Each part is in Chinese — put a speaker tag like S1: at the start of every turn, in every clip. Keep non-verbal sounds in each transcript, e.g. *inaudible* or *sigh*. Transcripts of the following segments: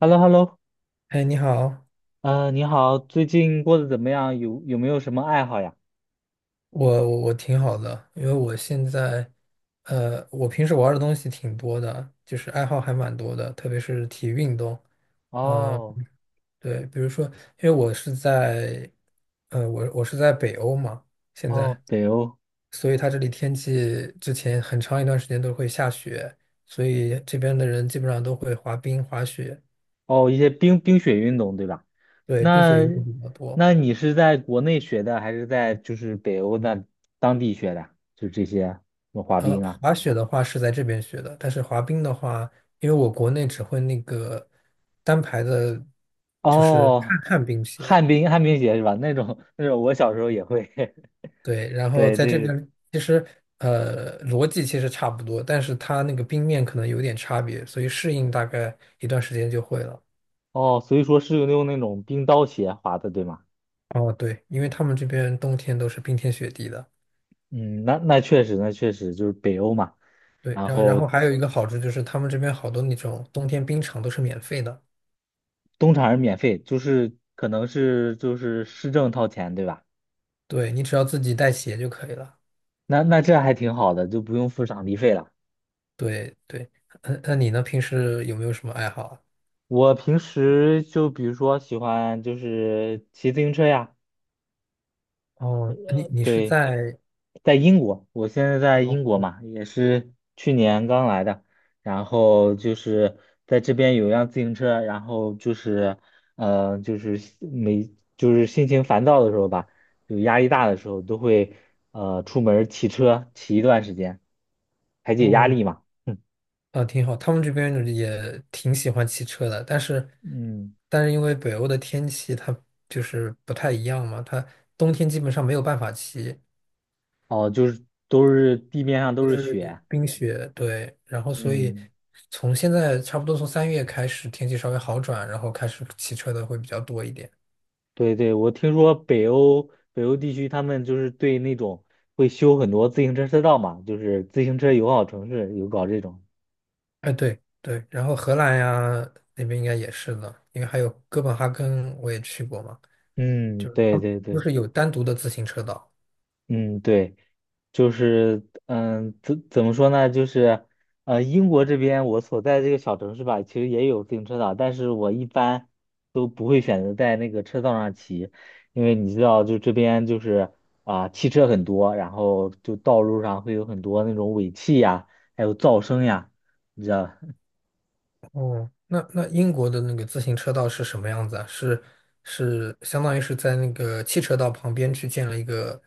S1: h e l l o h e l l o
S2: 哎，你好。
S1: 你好，最近过得怎么样？有没有什么爱好呀？
S2: 我挺好的，因为我现在，我平时玩的东西挺多的，就是爱好还蛮多的，特别是体育运动。嗯、
S1: 哦
S2: 对，比如说，因为我是在，呃，我我是在北欧嘛，现
S1: 哦，
S2: 在，
S1: 北欧。
S2: 所以它这里天气之前很长一段时间都会下雪，所以这边的人基本上都会滑冰、滑雪。
S1: 哦，一些冰雪运动，对吧？
S2: 对，冰
S1: 那
S2: 雪运动比较多。
S1: 那你是在国内学的，还是在就是北欧那当地学的？就这些什么滑冰啊？
S2: 滑雪的话是在这边学的，但是滑冰的话，因为我国内只会那个单排的，就是
S1: 哦，
S2: 旱冰鞋，
S1: 旱冰鞋是吧？那种我小时候也会，
S2: 对，然
S1: *laughs*
S2: 后
S1: 对，
S2: 在
S1: 这
S2: 这
S1: 个
S2: 边其实逻辑其实差不多，但是它那个冰面可能有点差别，所以适应大概一段时间就会了。
S1: 哦，所以说是用那种冰刀鞋滑的，对吗？
S2: 哦，对，因为他们这边冬天都是冰天雪地的。
S1: 嗯，那确实就是北欧嘛。
S2: 对，
S1: 然
S2: 然后
S1: 后
S2: 还有一个好处就是他们这边好多那种冬天冰场都是免费的。
S1: 东厂是免费，就是可能是就是市政掏钱，对吧？
S2: 对，你只要自己带鞋就可以了。
S1: 那这还挺好的，就不用付场地费了。
S2: 对对，嗯，那你呢？平时有没有什么爱好啊？
S1: 我平时就比如说喜欢就是骑自行车呀，
S2: 哦，你你是
S1: 对，
S2: 在
S1: 在英国，我现在在
S2: 哦
S1: 英国
S2: 哦
S1: 嘛，也是去年刚来的，然后就是在这边有辆自行车，然后就是，就是心情烦躁的时候吧，就压力大的时候，都会出门儿骑车骑一段时间，排解压
S2: 哦，
S1: 力嘛。*laughs*
S2: 啊，挺好。他们这边也挺喜欢骑车的，但是
S1: 嗯，
S2: 但是因为北欧的天气它就是不太一样嘛，它冬天基本上没有办法骑
S1: 哦，就是都是地面上都是雪，
S2: 冰雪。对，然后所以
S1: 嗯。
S2: 从现在差不多从3月开始天气稍微好转，然后开始骑车的会比较多一点。
S1: 对对，我听说北欧地区他们就是对那种会修很多自行车车道嘛，就是自行车友好城市有搞这种。
S2: 哎，对对，然后荷兰呀那边应该也是的，因为还有哥本哈根我也去过嘛，
S1: 嗯，
S2: 就是他
S1: 对
S2: 们
S1: 对
S2: 都
S1: 对，
S2: 是有单独的自行车道。
S1: 嗯对。就是嗯，怎么说呢？就是英国这边我所在这个小城市吧，其实也有自行车道，但是我一般都不会选择在那个车道上骑，因为你知道，就这边就是啊、汽车很多，然后就道路上会有很多那种尾气呀，还有噪声呀，你知道，
S2: 哦，那那英国的那个自行车道是什么样子啊？是是相当于是在那个汽车道旁边去建了一个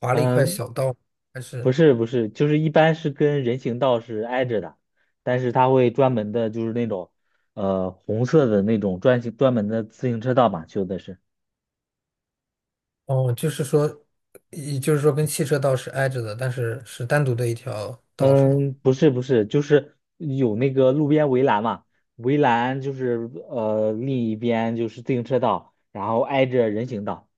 S2: 划了一块
S1: 嗯。
S2: 小道，还
S1: 不
S2: 是
S1: 是不是，就是一般是跟人行道是挨着的，但是它会专门的，就是那种红色的那种专门的自行车道嘛，修的是。
S2: 哦，就是说，也就是说跟汽车道是挨着的，但是是单独的一条道是吗？
S1: 嗯，不是，就是有那个路边围栏嘛，围栏就是另一边就是自行车道，然后挨着人行道。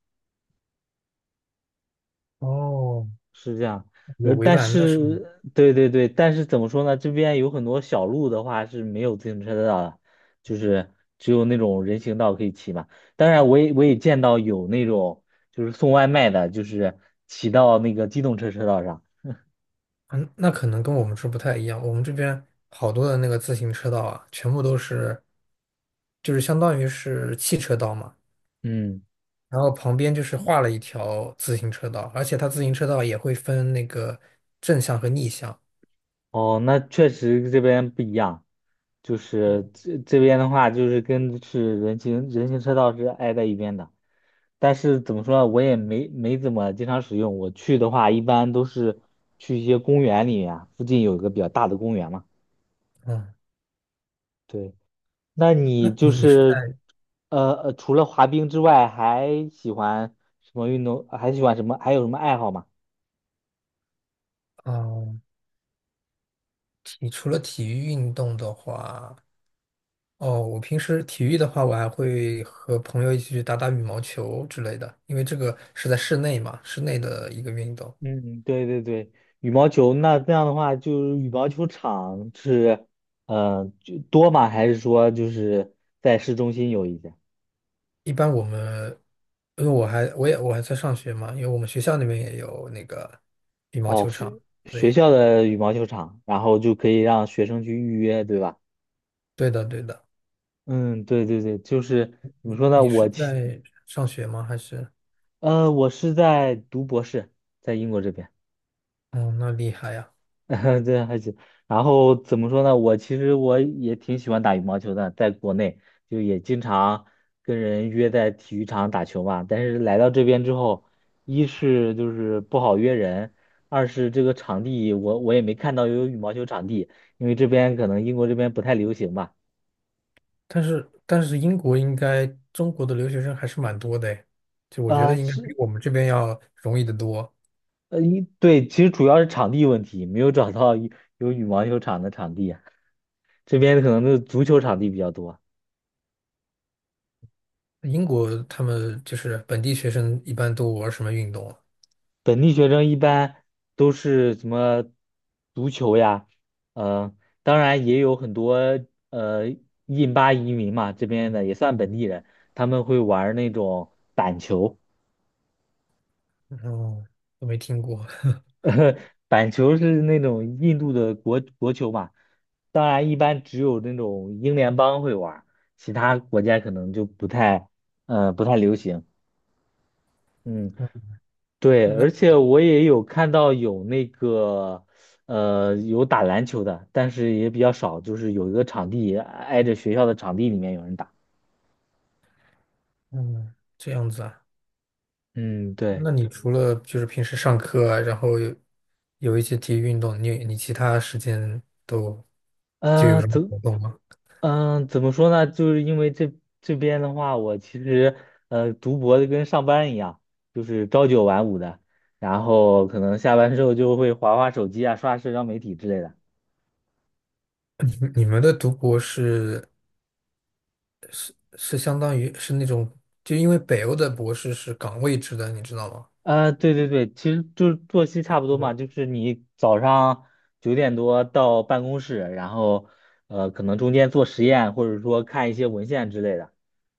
S2: 哦，
S1: 是这样，
S2: 有围
S1: 但
S2: 栏的是吗？
S1: 是，对对对，但是怎么说呢？这边有很多小路的话是没有自行车道的，就是只有那种人行道可以骑嘛。当然，我也见到有那种就是送外卖的，就是骑到那个机动车车道上。
S2: 嗯，那可能跟我们这不太一样。我们这边好多的那个自行车道啊，全部都是，就是相当于是汽车道嘛，
S1: 嗯，
S2: 然后旁边就是画了一条自行车道，而且它自行车道也会分那个正向和逆向。
S1: 哦，那确实这边不一样，就是这边的话，就是跟是人行车道是挨在一边的，但是怎么说呢，我也没怎么经常使用。我去的话，一般都是去一些公园里面，附近有一个比较大的公园嘛。
S2: 嗯，
S1: 对，那你
S2: 那
S1: 就
S2: 你你是
S1: 是
S2: 在
S1: 除了滑冰之外，还喜欢什么运动？还喜欢什么？还有什么爱好吗？
S2: 哦，除了体育运动的话，哦，我平时体育的话，我还会和朋友一起去打打羽毛球之类的，因为这个是在室内嘛，室内的一个运动。
S1: 嗯，对对对，羽毛球那样的话，就是羽毛球场是，呃，就多吗？还是说就是在市中心有一家？
S2: 一般我们，因为我还在上学嘛，因为我们学校那边也有那个羽毛
S1: 哦，
S2: 球场。
S1: 学学
S2: 对，
S1: 校的羽毛球场，然后就可以让学生去预约，对吧？
S2: 对的，对的。
S1: 嗯，对对对，就是怎么说呢？
S2: 你是在上学吗？还是？
S1: 我是在读博士，在英国这边。
S2: 哦，那厉害呀！
S1: *laughs* 对，还行。然后怎么说呢？我其实我也挺喜欢打羽毛球的，在国内就也经常跟人约在体育场打球嘛。但是来到这边之后，一是就是不好约人，二是这个场地我也没看到有羽毛球场地，因为这边可能英国这边不太流行吧。
S2: 但是但是英国应该中国的留学生还是蛮多的诶，就我觉
S1: 啊、
S2: 得应该比
S1: 是
S2: 我们这边要容易的多。
S1: 对，其实主要是场地问题，没有找到有羽毛球场的场地啊，*laughs* 这边可能是足球场地比较多。
S2: 英国他们就是本地学生一般都玩什么运动啊？
S1: 本地学生一般都是什么足球呀，呃，当然也有很多呃印巴移民嘛，这边的也算本地人，他们会玩儿那种球，
S2: 哦，都没听过。*laughs*
S1: *laughs* 板球是那种印度的国球嘛，当然一般只有那种英联邦会玩儿，其他国家可能就不太流行，嗯。对，
S2: 那
S1: 而且我也有看到有那个，有打篮球的，但是也比较少，就是有一个场地挨着学校的场地里面有人打。
S2: 嗯，这样子啊。
S1: 嗯，对，
S2: 那你除了就是平时上课啊，然后有有一些体育运动，你你其他时间都就有
S1: 呃，
S2: 什么
S1: 怎，
S2: 活动吗？
S1: 怎么说呢？就是因为这边的话，我其实读博的跟上班一样，就是朝九晚五的，然后可能下班之后就会划划手机啊，刷社交媒体之类的。
S2: *laughs* 你你们的读博士是相当于是那种，就因为北欧的博士是岗位制的，你知道吗？
S1: 对对对，其实就是作息差不多嘛，就是你早上九点多到办公室，然后可能中间做实验或者说看一些文献之类的，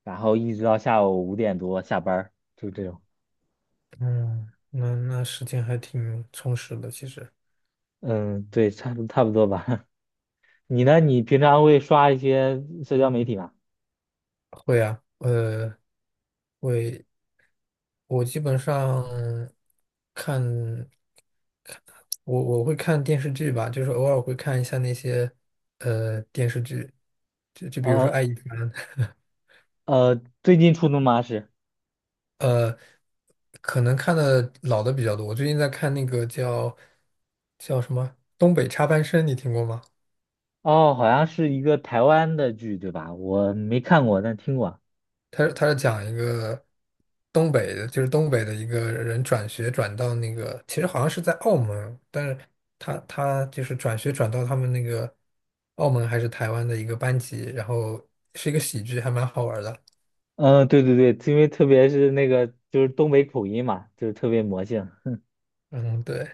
S1: 然后一直到下午五点多下班儿，就是这种。
S2: 嗯，那那时间还挺充实的，其实
S1: 嗯，对，差不多吧。*laughs* 你呢？你平常会刷一些社交媒体吗？
S2: 会啊，我基本上看。我会看电视剧吧，就是偶尔会看一下那些电视剧，就就比如说《爱
S1: 呃
S2: 一凡》，
S1: 最近出的吗？是
S2: *laughs* 呃，可能看的老的比较多。我最近在看那个叫叫什么《东北插班生》，你听过吗？
S1: 哦，好像是一个台湾的剧，对吧？我没看过，但听过。
S2: 他他是讲一个东北的，就是东北的一个人转学转到那个，其实好像是在澳门，但是他他就是转学转到他们那个澳门还是台湾的一个班级，然后是一个喜剧，还蛮好玩的。
S1: 嗯，对对对，因为特别是那个就是东北口音嘛，就是特别魔性。*laughs*
S2: 嗯，对，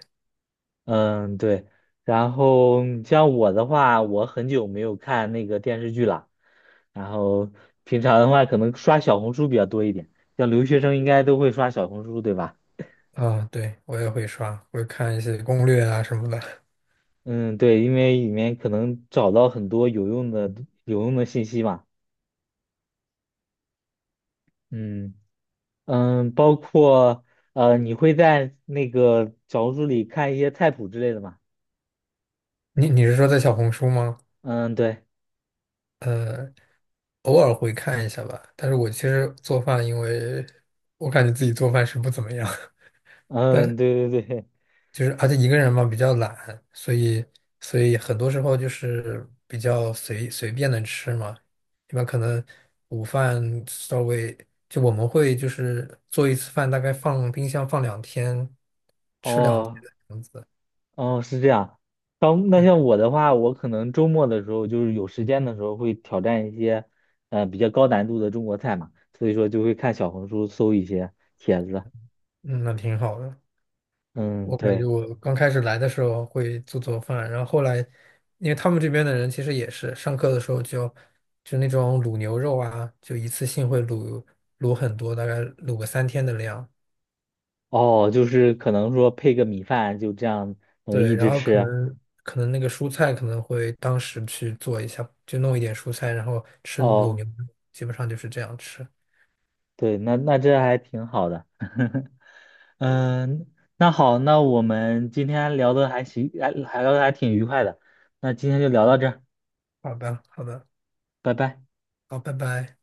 S1: 嗯，对。然后像我的话，我很久没有看那个电视剧了，然后平常的话可能刷小红书比较多一点，像留学生应该都会刷小红书，对吧？
S2: 啊，对，我也会刷，会看一些攻略啊什么的。
S1: 嗯，对，因为里面可能找到很多有用的信息嘛。嗯嗯，包括你会在那个小红书里看一些菜谱之类的吗？
S2: 你你是说在小红书吗？
S1: 嗯，对。
S2: 呃，偶尔会看一下吧。但是我其实做饭，因为我感觉自己做饭是不怎么样，*laughs*
S1: 嗯，
S2: 但
S1: 对对对，
S2: 就是而且一个人嘛比较懒，所以所以很多时候就是比较随随便的吃嘛。一般可能午饭稍微就我们会就是做一次饭，大概放冰箱放两天，吃两
S1: 哦
S2: 天。
S1: 哦，是这样。当那
S2: 嗯
S1: 像我的话，我可能周末的时候，就是有时间的时候，会挑战一些比较高难度的中国菜嘛，所以说就会看小红书搜一些帖子。
S2: 嗯，那挺好的。
S1: 嗯，
S2: 我感觉
S1: 对，
S2: 我刚开始来的时候会做做饭，然后后来，因为他们这边的人其实也是上课的时候就就那种卤牛肉啊，就一次性会卤很多，大概卤个3天的量。
S1: 哦，就是可能说配个米饭，就这样能一
S2: 对，然
S1: 直
S2: 后可
S1: 吃。
S2: 能可能那个蔬菜可能会当时去做一下，就弄一点蔬菜，然后吃卤
S1: 哦，
S2: 牛肉，基本上就是这样吃。
S1: 对，那这还挺好的。*laughs* 嗯，那好，那我们今天聊的还行，还聊的还挺愉快的。那今天就聊到这儿，
S2: 好吧，好吧，
S1: 拜拜。
S2: 好，拜拜。